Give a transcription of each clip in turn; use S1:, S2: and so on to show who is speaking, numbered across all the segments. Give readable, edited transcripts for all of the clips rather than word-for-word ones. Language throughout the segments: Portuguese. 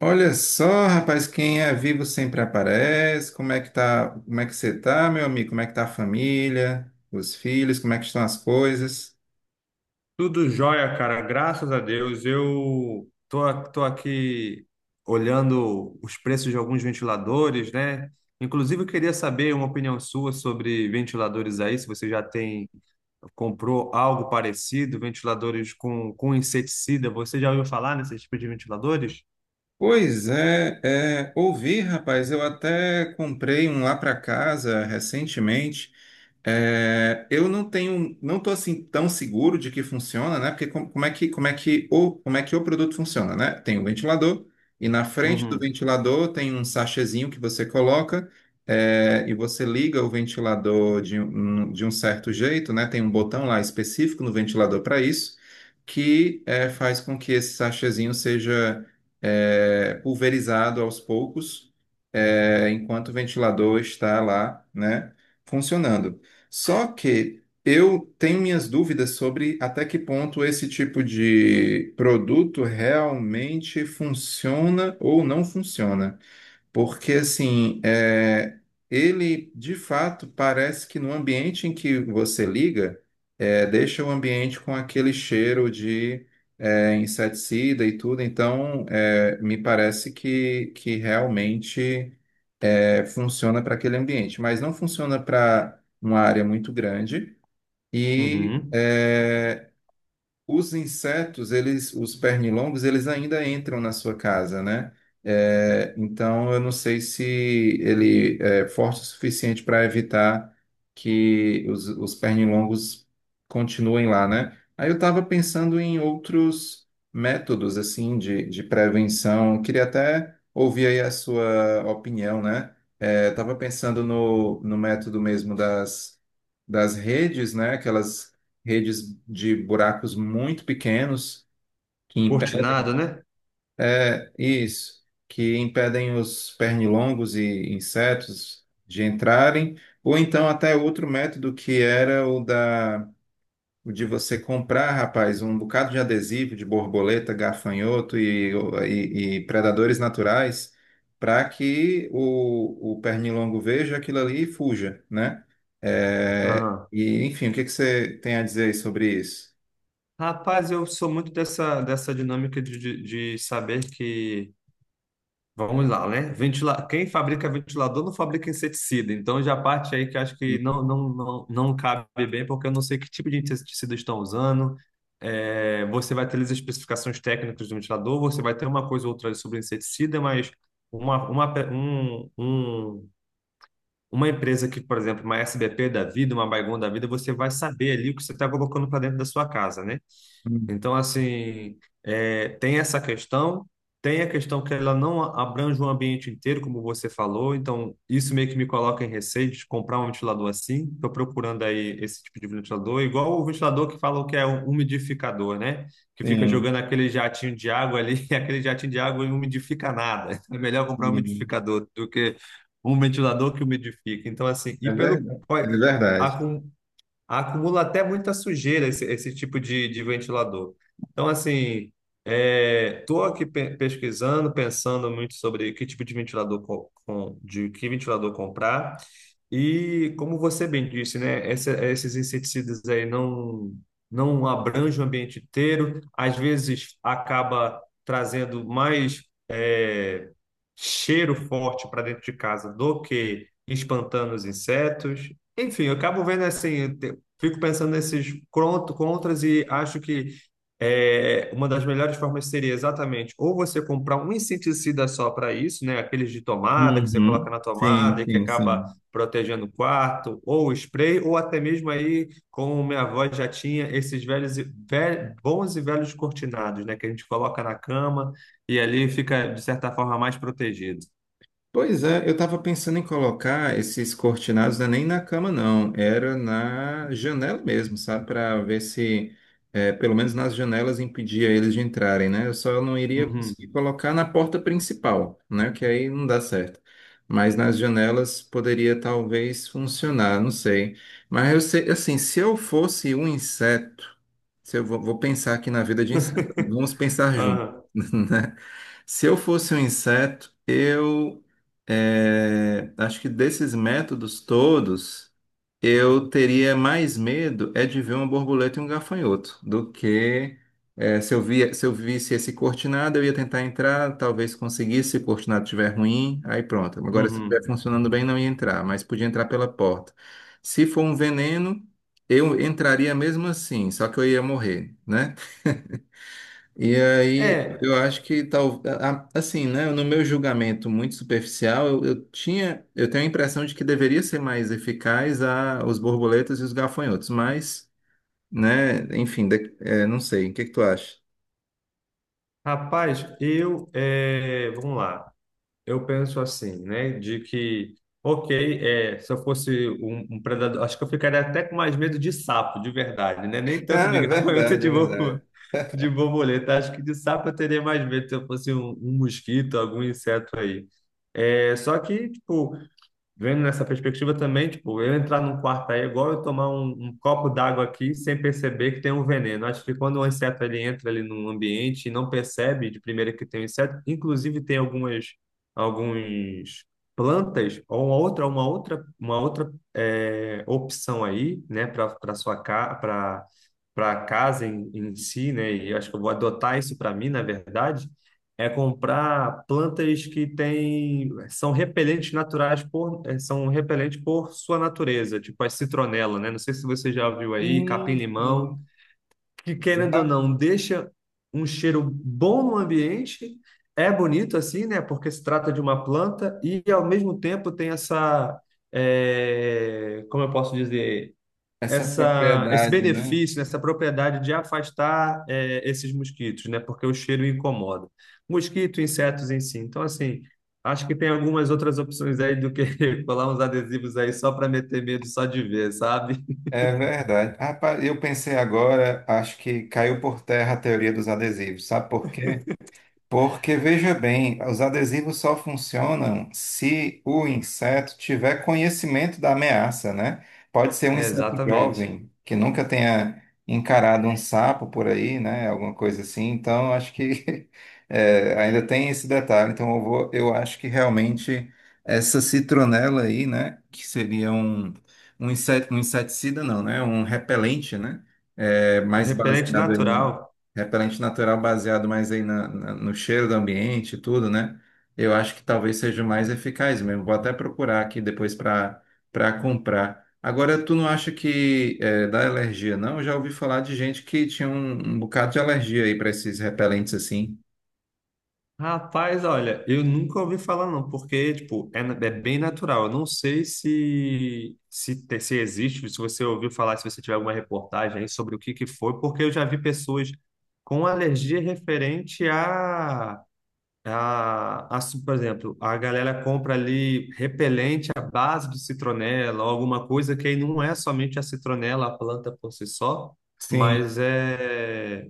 S1: Olha só, rapaz, quem é vivo sempre aparece. Como é que tá? Como é que você tá, meu amigo? Como é que tá a família, os filhos? Como é que estão as coisas?
S2: Tudo jóia, cara. Graças a Deus. Eu tô aqui olhando os preços de alguns ventiladores, né? Inclusive, eu queria saber uma opinião sua sobre ventiladores aí, se você já tem, comprou algo parecido, ventiladores com inseticida. Você já ouviu falar nesse tipo de ventiladores?
S1: Pois é, ouvi, rapaz, eu até comprei um lá para casa recentemente. É, eu não tenho, não tô assim tão seguro de que funciona, né? Porque com- como é que o, como é que o produto funciona, né? Tem um ventilador e na frente do
S2: Uhum.
S1: ventilador tem um sachêzinho que você coloca e você liga o ventilador de um certo jeito, né? Tem um botão lá específico no ventilador para isso que é, faz com que esse sachêzinho seja pulverizado aos poucos, enquanto o ventilador está lá, né, funcionando. Só que eu tenho minhas dúvidas sobre até que ponto esse tipo de produto realmente funciona ou não funciona. Porque, assim, ele de fato parece que no ambiente em que você liga, deixa o ambiente com aquele cheiro de inseticida e tudo. Então, é, me parece que realmente funciona para aquele ambiente, mas não funciona para uma área muito grande. E.
S2: Uhum.
S1: é, os insetos, eles, os pernilongos, eles ainda entram na sua casa, né? É, então, eu não sei se ele é forte o suficiente para evitar que os pernilongos continuem lá, né? Aí eu estava pensando em outros métodos, assim, de prevenção. Eu queria até ouvir aí a sua opinião, né? É, estava pensando no método mesmo das redes, né? Aquelas redes de buracos muito pequenos que
S2: Cortinado,
S1: impedem,
S2: né?
S1: é isso, que impedem os pernilongos e insetos de entrarem, ou então até outro método que era o de você comprar, rapaz, um bocado de adesivo de borboleta, gafanhoto e predadores naturais para que o pernilongo veja aquilo ali e fuja, né? É,
S2: Aham.
S1: e enfim, o que que você tem a dizer aí sobre isso?
S2: Rapaz, eu sou muito dessa dinâmica de saber que... Vamos lá, né? Ventila... Quem fabrica ventilador não fabrica inseticida. Então já parte aí que eu acho que não, não, não, não cabe bem, porque eu não sei que tipo de inseticida estão usando. É, você vai ter as especificações técnicas do ventilador, você vai ter uma coisa ou outra sobre inseticida, mas uma, pe- um, uma empresa que, por exemplo, uma S B P da vida, uma Baygon da vida, você vai saber ali o que você está colocando para dentro da sua casa, né? Então, assim, é, tem essa questão, tem a questão que ela não abrange o ambiente inteiro, como você falou, então isso meio que me coloca em receio de comprar um ventilador assim. Estou procurando aí esse tipo de ventilador, igual o ventilador que falam que é um umidificador, né? Que fica
S1: Sim,
S2: jogando aquele jatinho de água ali, e aquele jatinho de água não umidifica nada. É melhor comprar um
S1: sim.
S2: umidificador do que um ventilador que umidifica. Então, assim, e
S1: É
S2: pelo,
S1: verdade. É verdade.
S2: acumula até muita sujeira esse tipo de ventilador. Então, assim, estou aqui pesquisando, pensando muito sobre que tipo de ventilador de que ventilador comprar. E como você bem disse, né, esses inseticidas aí não abrangem o ambiente inteiro, às vezes acaba trazendo mais é, cheiro forte para dentro de casa do que espantando os insetos. Enfim, eu acabo vendo assim, fico pensando nesses contras e acho que uma das melhores formas seria exatamente ou você comprar um inseticida só para isso, né? Aqueles de tomada que você coloca
S1: Uhum.
S2: na
S1: Sim,
S2: tomada e que
S1: sim,
S2: acaba
S1: sim.
S2: protegendo o quarto, ou spray, ou até mesmo aí, como minha avó já tinha, esses velhos, bons e velhos cortinados, né? Que a gente coloca na cama e ali fica, de certa forma, mais protegido.
S1: Pois é, eu estava pensando em colocar esses cortinados, não é nem na cama, não. Era na janela mesmo, sabe? Para ver se, pelo menos nas janelas, impedia eles de entrarem, né? Eu só não iria conseguir
S2: Uhum.
S1: colocar na porta principal, né? Que aí não dá certo. Mas nas janelas poderia talvez funcionar, não sei. Mas eu sei, assim, se eu fosse um inseto, se eu vou pensar aqui na vida de inseto, vamos pensar junto.
S2: Aham.
S1: Se eu fosse um inseto, acho que desses métodos todos, eu teria mais medo é de ver uma borboleta e um gafanhoto do que se eu visse esse cortinado, eu ia tentar entrar, talvez conseguisse, se o cortinado estiver ruim, aí pronto. Agora, se estiver
S2: Uhum.
S1: funcionando bem, não ia entrar, mas podia entrar pela porta. Se for um veneno, eu entraria mesmo assim, só que eu ia morrer, né? E aí,
S2: É,
S1: eu acho que tal, assim, né, no meu julgamento muito superficial, eu tinha, eu tenho a impressão de que deveria ser mais eficaz a os borboletas e os gafanhotos, mas, né, enfim, não sei, o que que tu acha?
S2: rapaz, vamos lá. Eu penso assim, né? De que, ok, é, se eu fosse um predador, acho que eu ficaria até com mais medo de sapo, de verdade, né? Nem tanto
S1: Ah,
S2: de
S1: é
S2: gafanhoto
S1: verdade, é
S2: de
S1: verdade.
S2: borboleta. Acho que de sapo eu teria mais medo se eu fosse um mosquito, algum inseto aí. É, só que, tipo, vendo nessa perspectiva também, tipo, eu entrar num quarto aí é igual eu tomar um copo d'água aqui sem perceber que tem um veneno. Acho que quando um inseto ele entra ali num ambiente e não percebe de primeira que tem um inseto, inclusive tem algumas alguns plantas ou uma outra opção aí, né, para sua casa, para casa em, em si, né? E acho que eu vou adotar isso para mim, na verdade é comprar plantas que têm, são repelentes naturais por, são repelentes por sua natureza, tipo a citronela, né? Não sei se você já viu aí,
S1: Sim,
S2: capim-limão,
S1: sim.
S2: que querendo ou
S1: Já
S2: não, deixa um cheiro bom no ambiente, é bonito assim, né? Porque se trata de uma planta e ao mesmo tempo tem essa, como eu posso dizer,
S1: essa
S2: esse
S1: propriedade, né?
S2: benefício, né, essa propriedade de afastar é, esses mosquitos, né? Porque o cheiro incomoda. Mosquito, insetos em si. Então, assim, acho que tem algumas outras opções aí do que colar uns adesivos aí só para meter medo só de ver, sabe?
S1: É verdade. Rapaz, eu pensei agora, acho que caiu por terra a teoria dos adesivos. Sabe por quê? Porque veja bem, os adesivos só funcionam se o inseto tiver conhecimento da ameaça, né? Pode ser um
S2: É,
S1: inseto
S2: exatamente.
S1: jovem que nunca tenha encarado um sapo por aí, né? Alguma coisa assim. Então, acho que é, ainda tem esse detalhe. Então, eu vou, eu acho que realmente essa citronela aí, né? Que seria um, um inseto, um inseticida, não, né? Um repelente, né? É,
S2: Um
S1: mais
S2: repelente
S1: baseado em
S2: natural.
S1: repelente natural baseado mais aí no cheiro do ambiente e tudo, né? Eu acho que talvez seja o mais eficaz mesmo. Vou até procurar aqui depois para comprar. Agora, tu não acha que é, dá alergia, não? Eu já ouvi falar de gente que tinha um bocado de alergia aí para esses repelentes assim.
S2: Rapaz, olha, eu nunca ouvi falar não, porque, tipo, é, é bem natural. Eu não sei se existe, se você ouviu falar, se você tiver alguma reportagem aí sobre o que que foi, porque eu já vi pessoas com alergia referente por exemplo, a galera compra ali repelente à base de citronela, ou alguma coisa que aí não é somente a citronela, a planta por si só, mas
S1: Sim.
S2: é...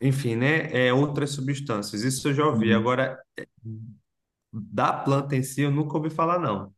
S2: Enfim, né? É outras substâncias. Isso eu já ouvi. Agora, da planta em si, eu nunca ouvi falar, não.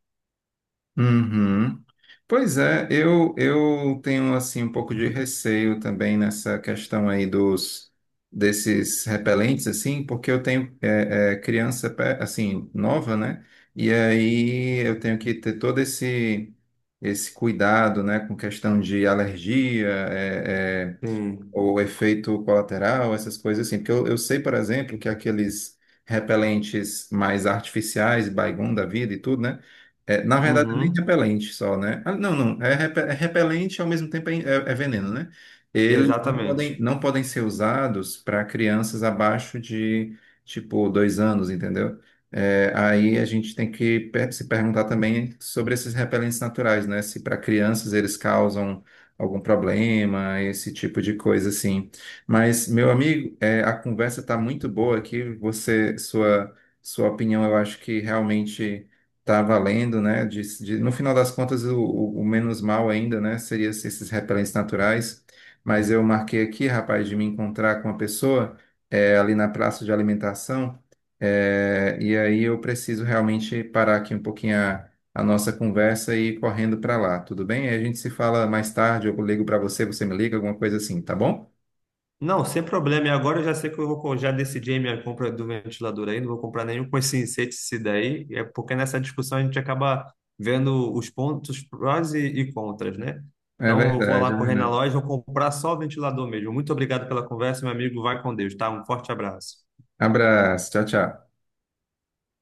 S1: Uhum. Pois é, eu tenho assim um pouco de receio também nessa questão aí dos desses repelentes assim, porque eu tenho criança assim nova, né? E aí eu tenho que ter todo esse esse cuidado, né, com questão de alergia,
S2: Sim.
S1: ou efeito colateral, essas coisas assim. Porque eu sei, por exemplo, que aqueles repelentes mais artificiais, Baygon da vida e tudo, né? É, na verdade, nem
S2: Uhum.
S1: repelente só, né? Ah, não, não. É, repelente ao mesmo tempo é veneno, né? Eles não podem,
S2: Exatamente.
S1: não podem ser usados para crianças abaixo de, tipo, 2 anos, entendeu? É, aí a gente tem que se perguntar também sobre esses repelentes naturais, né? Se para crianças eles causam algum problema, esse tipo de coisa assim. Mas, meu amigo, é, a conversa está muito boa aqui. Sua opinião, eu acho que realmente está valendo, né? No final das contas, o menos mal ainda, né? Seria se esses repelentes naturais. Mas eu marquei aqui, rapaz, de me encontrar com uma pessoa é, ali na praça de alimentação. É, e aí eu preciso realmente parar aqui um pouquinho a nossa conversa e ir correndo para lá, tudo bem? Aí a gente se fala mais tarde, eu ligo para você, você me liga, alguma coisa assim, tá bom?
S2: Não, sem problema. E agora eu já sei que eu vou, já decidi a minha compra do ventilador aí, não vou comprar nenhum com esse inseticida aí, é porque nessa discussão a gente acaba vendo os pontos prós e contras, né?
S1: É
S2: Então eu vou
S1: verdade,
S2: lá
S1: é
S2: correr na
S1: verdade.
S2: loja, vou comprar só o ventilador mesmo. Muito obrigado pela conversa, meu amigo. Vai com Deus, tá? Um forte abraço.
S1: Abraço, tchau, tchau.